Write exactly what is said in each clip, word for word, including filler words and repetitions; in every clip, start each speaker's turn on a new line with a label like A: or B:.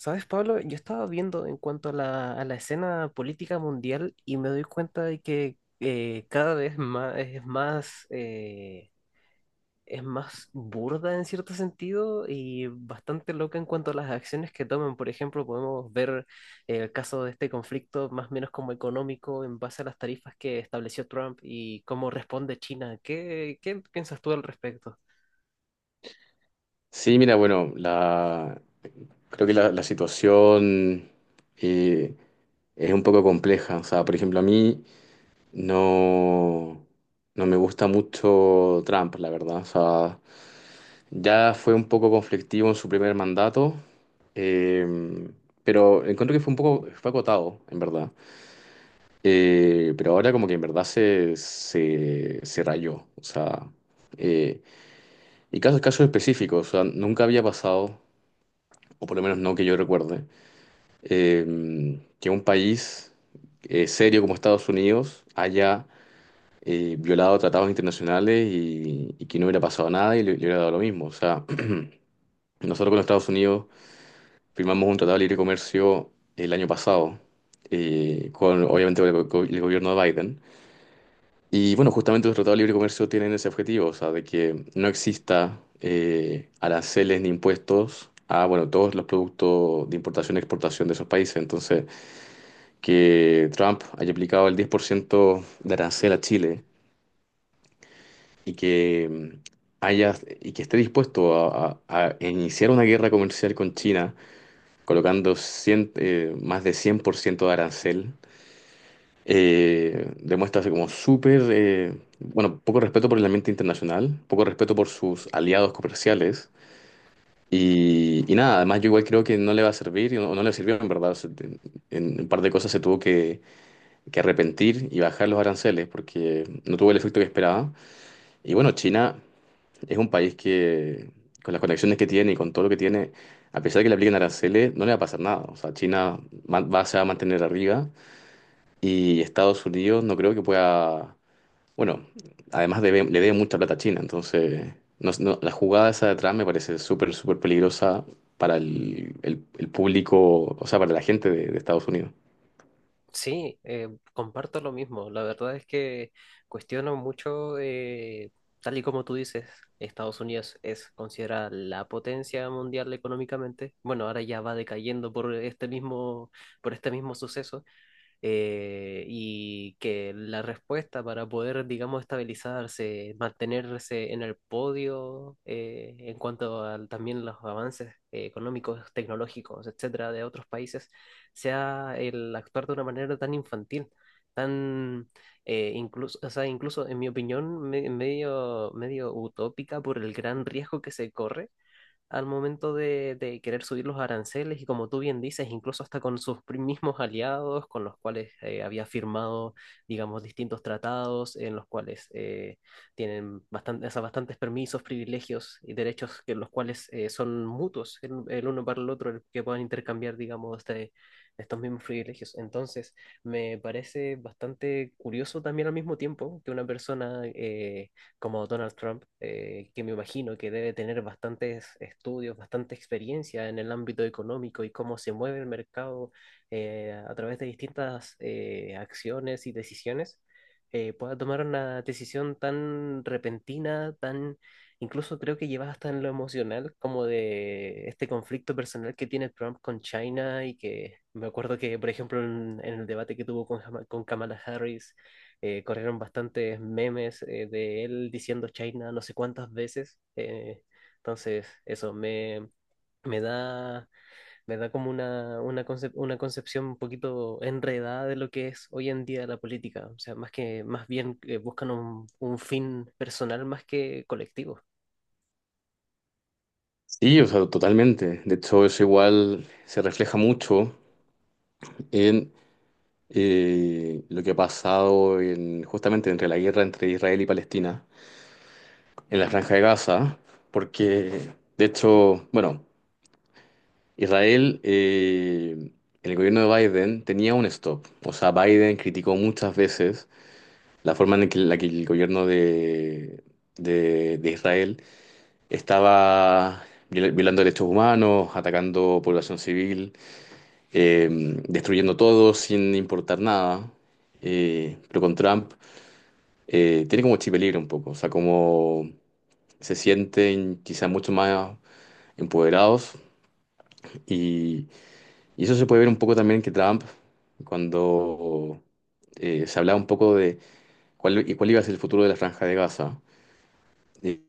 A: ¿Sabes, Pablo? Yo estaba viendo en cuanto a la, a la escena política mundial y me doy cuenta de que eh, cada vez más, es más, eh, es más burda en cierto sentido y bastante loca en cuanto a las acciones que toman. Por ejemplo, podemos ver el caso de este conflicto más o menos como económico en base a las tarifas que estableció Trump y cómo responde China. ¿Qué, qué piensas tú al respecto?
B: Sí, mira, bueno, la, creo que la, la situación eh, es un poco compleja. O sea, por ejemplo, a mí no, no me gusta mucho Trump, la verdad. O sea, ya fue un poco conflictivo en su primer mandato, eh, pero encuentro que fue un poco, fue acotado, en verdad. Eh, pero ahora como que en verdad se, se, se rayó. O sea, eh, y casos, casos específicos, o sea, nunca había pasado, o por lo menos no que yo recuerde, eh, que un país eh, serio como Estados Unidos haya eh, violado tratados internacionales y, y que no hubiera pasado nada y le, le hubiera dado lo mismo. O sea, nosotros con Estados Unidos firmamos un tratado de libre comercio el año pasado, eh, con obviamente con el, go- el gobierno de Biden. Y bueno, justamente los tratados de libre comercio tienen ese objetivo, o sea, de que no exista eh, aranceles ni impuestos a, bueno, todos los productos de importación y exportación de esos países. Entonces, que Trump haya aplicado el diez por ciento de arancel a Chile y que mm, haya y que esté dispuesto a, a- a iniciar una guerra comercial con China, colocando cien, eh, más de cien por ciento de arancel, eh, demuestra así como súper, eh, bueno, poco respeto por el ambiente internacional, poco respeto por sus aliados comerciales. Y, y nada, además yo igual creo que no le va a servir, o no, no le sirvió en verdad. O sea, En en un par de cosas se tuvo que, que arrepentir y bajar los aranceles porque no tuvo el efecto que esperaba. Y bueno, China es un país que, con las conexiones que tiene y con todo lo que tiene, a pesar de que le apliquen aranceles, no le va a pasar nada. O sea, China ma- va, se va a mantener arriba y Estados Unidos no creo que pueda. Bueno, además debe- le debe mucha plata a China, entonces no- no- la jugada esa de atrás me parece súper, súper peligrosa para el, el- el público, o sea, para la gente de de Estados Unidos.
A: Sí, eh, comparto lo mismo. La verdad es que cuestiono mucho, eh, tal y como tú dices, Estados Unidos es considerada la potencia mundial económicamente. Bueno, ahora ya va decayendo por este mismo, por este mismo suceso, eh, y que la respuesta para poder, digamos, estabilizarse, mantenerse en el podio eh, en cuanto a también los avances eh, económicos, tecnológicos, etcétera, de otros países, sea el actuar de una manera tan infantil, tan eh, incluso, o sea, incluso en mi opinión, me- medio, medio utópica por el gran riesgo que se corre al momento de, de querer subir los aranceles y como tú bien dices, incluso hasta con sus pri- mismos aliados con los cuales eh, había firmado, digamos, distintos tratados en los cuales eh, tienen bastan- o sea, bastantes permisos, privilegios y derechos que los cuales eh, son mutuos el, el uno para el otro, el que puedan intercambiar, digamos, este- estos mismos privilegios. Entonces, me parece bastante curioso también al mismo tiempo que una persona eh, como Donald Trump, eh, que me imagino que debe tener bastantes estudios, bastante experiencia en el ámbito económico y cómo se mueve el mercado eh, a través de distintas eh, acciones y decisiones, eh, pueda tomar una decisión tan repentina, tan incluso creo que lleva hasta en lo emocional, como de este conflicto personal que tiene Trump con China y que me acuerdo que, por ejemplo, en, en el debate que tuvo con, Jama- con Kamala Harris, eh, corrieron bastantes memes eh, de él diciendo China no sé cuántas veces. Eh, entonces, eso me, me da, me da como una, una, concep- una concepción un poquito enredada de lo que es hoy en día la política. O sea, más que, más bien eh, buscan un, un fin personal más que colectivo.
B: Sí, o sea, totalmente. De hecho, eso igual se refleja mucho en eh, lo que ha pasado en, justamente entre la guerra entre Israel y Palestina, en la Franja de Gaza, porque, de hecho, bueno, Israel, eh, en el gobierno de Biden tenía un stop. O sea, Biden criticó muchas veces la forma en que- la que el gobierno de, de, de Israel estaba viola- violando derechos humanos, atacando población civil, eh, destruyendo todo sin importar nada. Eh, pero con Trump eh, tiene como chip libre un poco, o sea, como se sienten quizá mucho más empoderados, y, y eso se puede ver un poco también que Trump, cuando eh, se hablaba un poco de cuál, y cuál iba a ser el futuro de la Franja de Gaza, eh,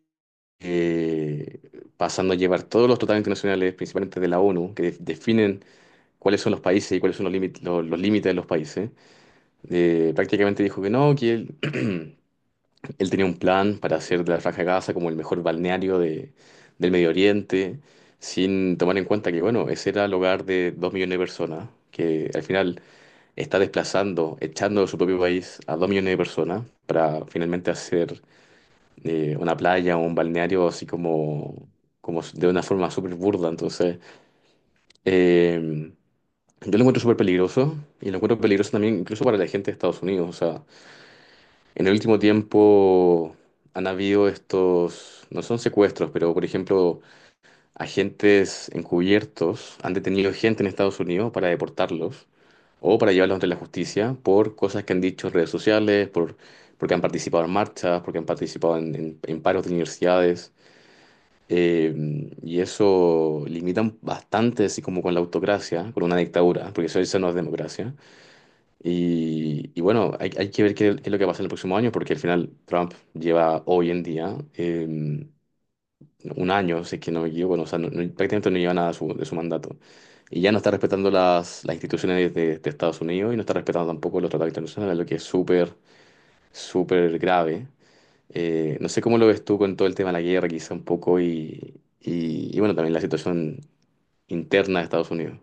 B: eh, pasando a llevar todos los tratados internacionales, principalmente de la ONU, que de- definen cuáles son los países y cuáles son los límites, los, los límites de los países, eh, prácticamente dijo que no, que él, él tenía un plan para hacer de la Franja de Gaza como el mejor balneario de- del Medio Oriente, sin tomar en cuenta que, bueno, ese era el hogar de dos millones de personas, que al final está desplazando, echando de su propio país a dos millones de personas para finalmente hacer eh, una playa o un balneario así como, como de una forma súper burda. Entonces, eh, yo lo encuentro súper peligroso y lo encuentro peligroso también incluso para la gente de Estados Unidos, o sea. En el último tiempo han habido estos, no son secuestros, pero por ejemplo, agentes encubiertos han detenido gente en Estados Unidos para deportarlos o para llevarlos ante la justicia por cosas que han dicho en redes sociales, por, porque han participado en marchas, porque han participado en, en- en paros de universidades. Eh, y eso limitan bastante, así como con la autocracia, con una dictadura, porque eso, eso no es democracia. Y, y bueno, hay, hay que ver qué, qué es lo que va a pasar el próximo año, porque al final Trump lleva hoy en día eh, un año, si es que no me equivoco, no, o sea, no- no- prácticamente no lleva nada de su, de su mandato. Y ya no está respetando las, las instituciones de, de Estados Unidos y no está respetando tampoco los tratados internacionales, lo que es súper, súper grave. Eh, no sé cómo lo ves tú con todo el tema de la guerra, quizá un poco, y, y, y bueno, también la situación interna de Estados Unidos.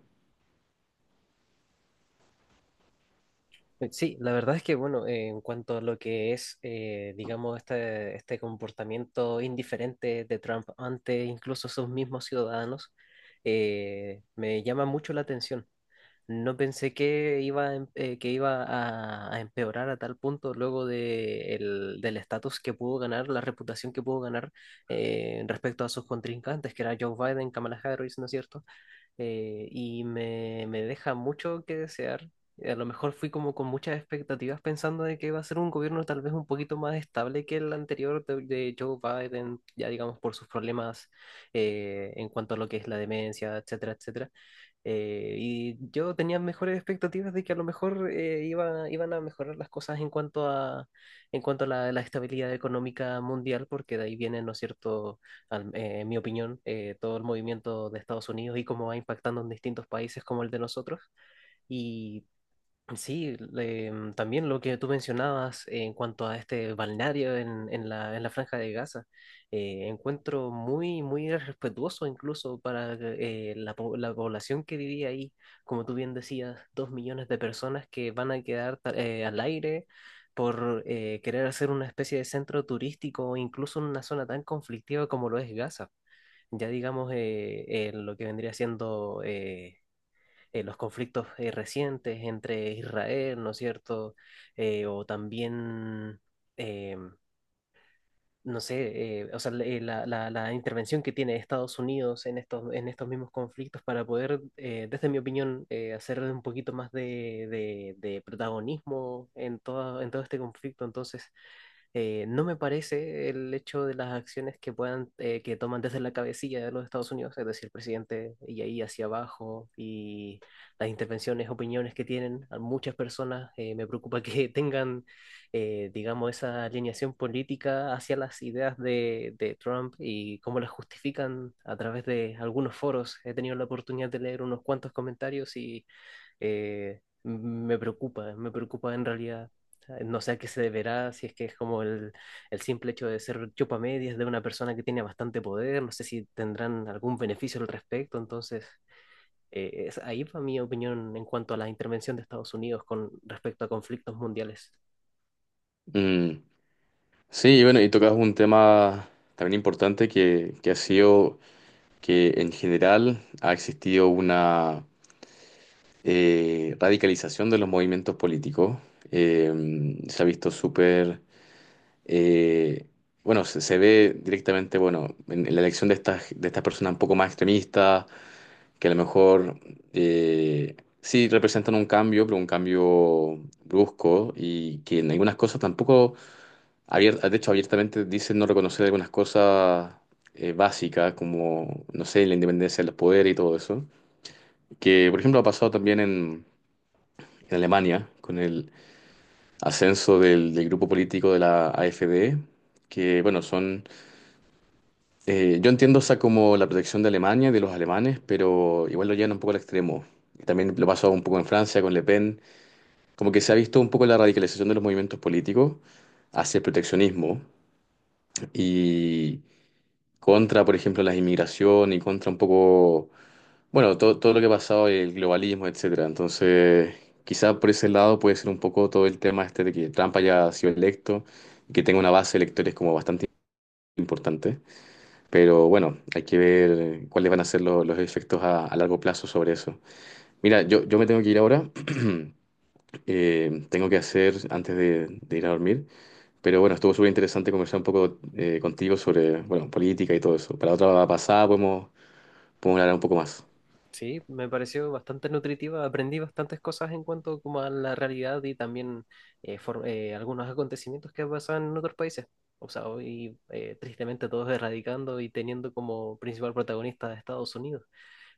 A: Eh, Sí, la verdad es que, bueno, eh, en cuanto a lo que es, eh, digamos, este, este comportamiento indiferente de Trump ante incluso sus mismos ciudadanos, eh, me llama mucho la atención. No pensé que iba, a em- eh, que iba a, a empeorar a tal punto luego de el- del estatus que pudo ganar, la reputación que pudo ganar eh, respecto a sus contrincantes, que era Joe Biden, Kamala Harris, ¿no es cierto? eh, y me, me deja mucho que desear. A lo mejor fui como con muchas expectativas pensando de que iba a ser un gobierno tal vez un poquito más estable que el anterior de, de Joe Biden, ya digamos por sus problemas eh, en cuanto a lo que es la demencia, etcétera, etcétera. Eh, y yo tenía mejores expectativas de que a lo mejor eh, iba- iban a mejorar las cosas en cuanto a, en cuanto a la, la estabilidad económica mundial, porque de ahí vienen, ¿no es cierto?, al- eh, en mi opinión, eh, todo el movimiento de Estados Unidos y cómo va impactando en distintos países como el de nosotros. Y sí, le- mm, también lo que tú mencionabas en cuanto a este balneario en, en la, en la Franja de Gaza, eh, encuentro muy, muy respetuoso incluso para eh, la, po- la población que vivía ahí, como tú bien decías, dos millones de personas que van a quedar ta- eh, al aire, por eh, querer hacer una especie de centro turístico, incluso en una zona tan conflictiva como lo es Gaza, ya digamos eh, eh, lo que vendría siendo eh, eh, los conflictos eh, recientes entre Israel, ¿no es cierto? Eh, o también, eh, no sé, eh, o sea, le- eh, la, la- la intervención que tiene Estados Unidos en estos, en estos mismos conflictos para poder, eh, desde mi opinión, eh, hacer un poquito más de, de- de protagonismo en todo, en todo este conflicto. Entonces, eh, no me parece el hecho de las acciones que puedan, eh, que toman desde la cabecilla de los Estados Unidos, es decir, el presidente y ahí hacia abajo, y las intervenciones, opiniones que tienen a muchas personas, eh, me preocupa que tengan, eh, digamos, esa alineación política hacia las ideas de, de Trump y cómo las justifican a través de algunos foros. He tenido la oportunidad de leer unos cuantos comentarios y eh, me preocupa, me preocupa en realidad. No sé a qué se deberá, si es que es como el, el simple hecho de ser chupamedias de una persona que tiene bastante poder, no sé si tendrán algún beneficio al respecto. Entonces, eh, es, ahí va mi opinión en cuanto a la intervención de Estados Unidos con respecto a conflictos mundiales.
B: Mm, Sí, y bueno, y tocas un tema también importante que, que ha sido, que en general ha existido una eh, radicalización de los movimientos políticos. Eh, se ha visto súper, eh, bueno, se, se ve directamente, bueno, en, en la elección de estas, de estas personas un poco más extremistas, que a lo mejor eh, sí representan un cambio, pero un cambio brusco y que en algunas cosas tampoco, Abier- de hecho, abiertamente dicen no reconocer algunas cosas eh, básicas, como, no sé, la independencia de los poderes y todo eso. Que, por ejemplo, ha pasado también en, en Alemania con el ascenso del, del grupo político de la AfD, que, bueno, son... eh, yo entiendo esa como la protección de Alemania y de los alemanes, pero igual lo llevan un poco al extremo. Y también lo pasó un poco en Francia con Le Pen. Como que se ha visto un poco la radicalización de los movimientos políticos hacia el proteccionismo. Y contra, por ejemplo, las inmigración, y contra un poco, bueno, todo, todo, lo que ha pasado, el globalismo, etcétera. Entonces, quizá por ese lado puede ser un poco todo el tema este de que Trump haya sido electo y que tenga una base de electores como bastante importante. Pero bueno, hay que ver cuáles van a ser lo- los efectos a, a largo plazo sobre eso. Mira, yo, yo me tengo que ir ahora. Eh, tengo que hacer antes de, de ir a dormir. Pero bueno, estuvo súper interesante conversar un poco eh, contigo sobre, bueno, política y todo eso. Para otra pasada podemos podemos hablar un poco más.
A: Sí, me pareció bastante nutritiva, aprendí bastantes cosas en cuanto como a la realidad y también eh, for- eh, algunos acontecimientos que pasaban en otros países. O sea, hoy eh, tristemente todos erradicando y teniendo como principal protagonista a Estados Unidos.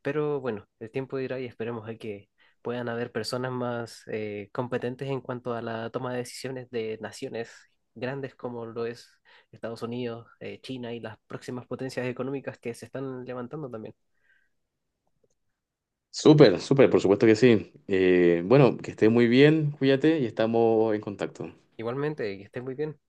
A: Pero bueno, el tiempo dirá y esperemos a que puedan haber personas más eh, competentes en cuanto a la toma de decisiones de naciones grandes como lo es Estados Unidos, eh, China y las próximas potencias económicas que se están levantando también.
B: Súper, súper, por supuesto que sí. Eh, bueno, que estés muy bien, cuídate y estamos en contacto.
A: Igualmente, que estén muy bien.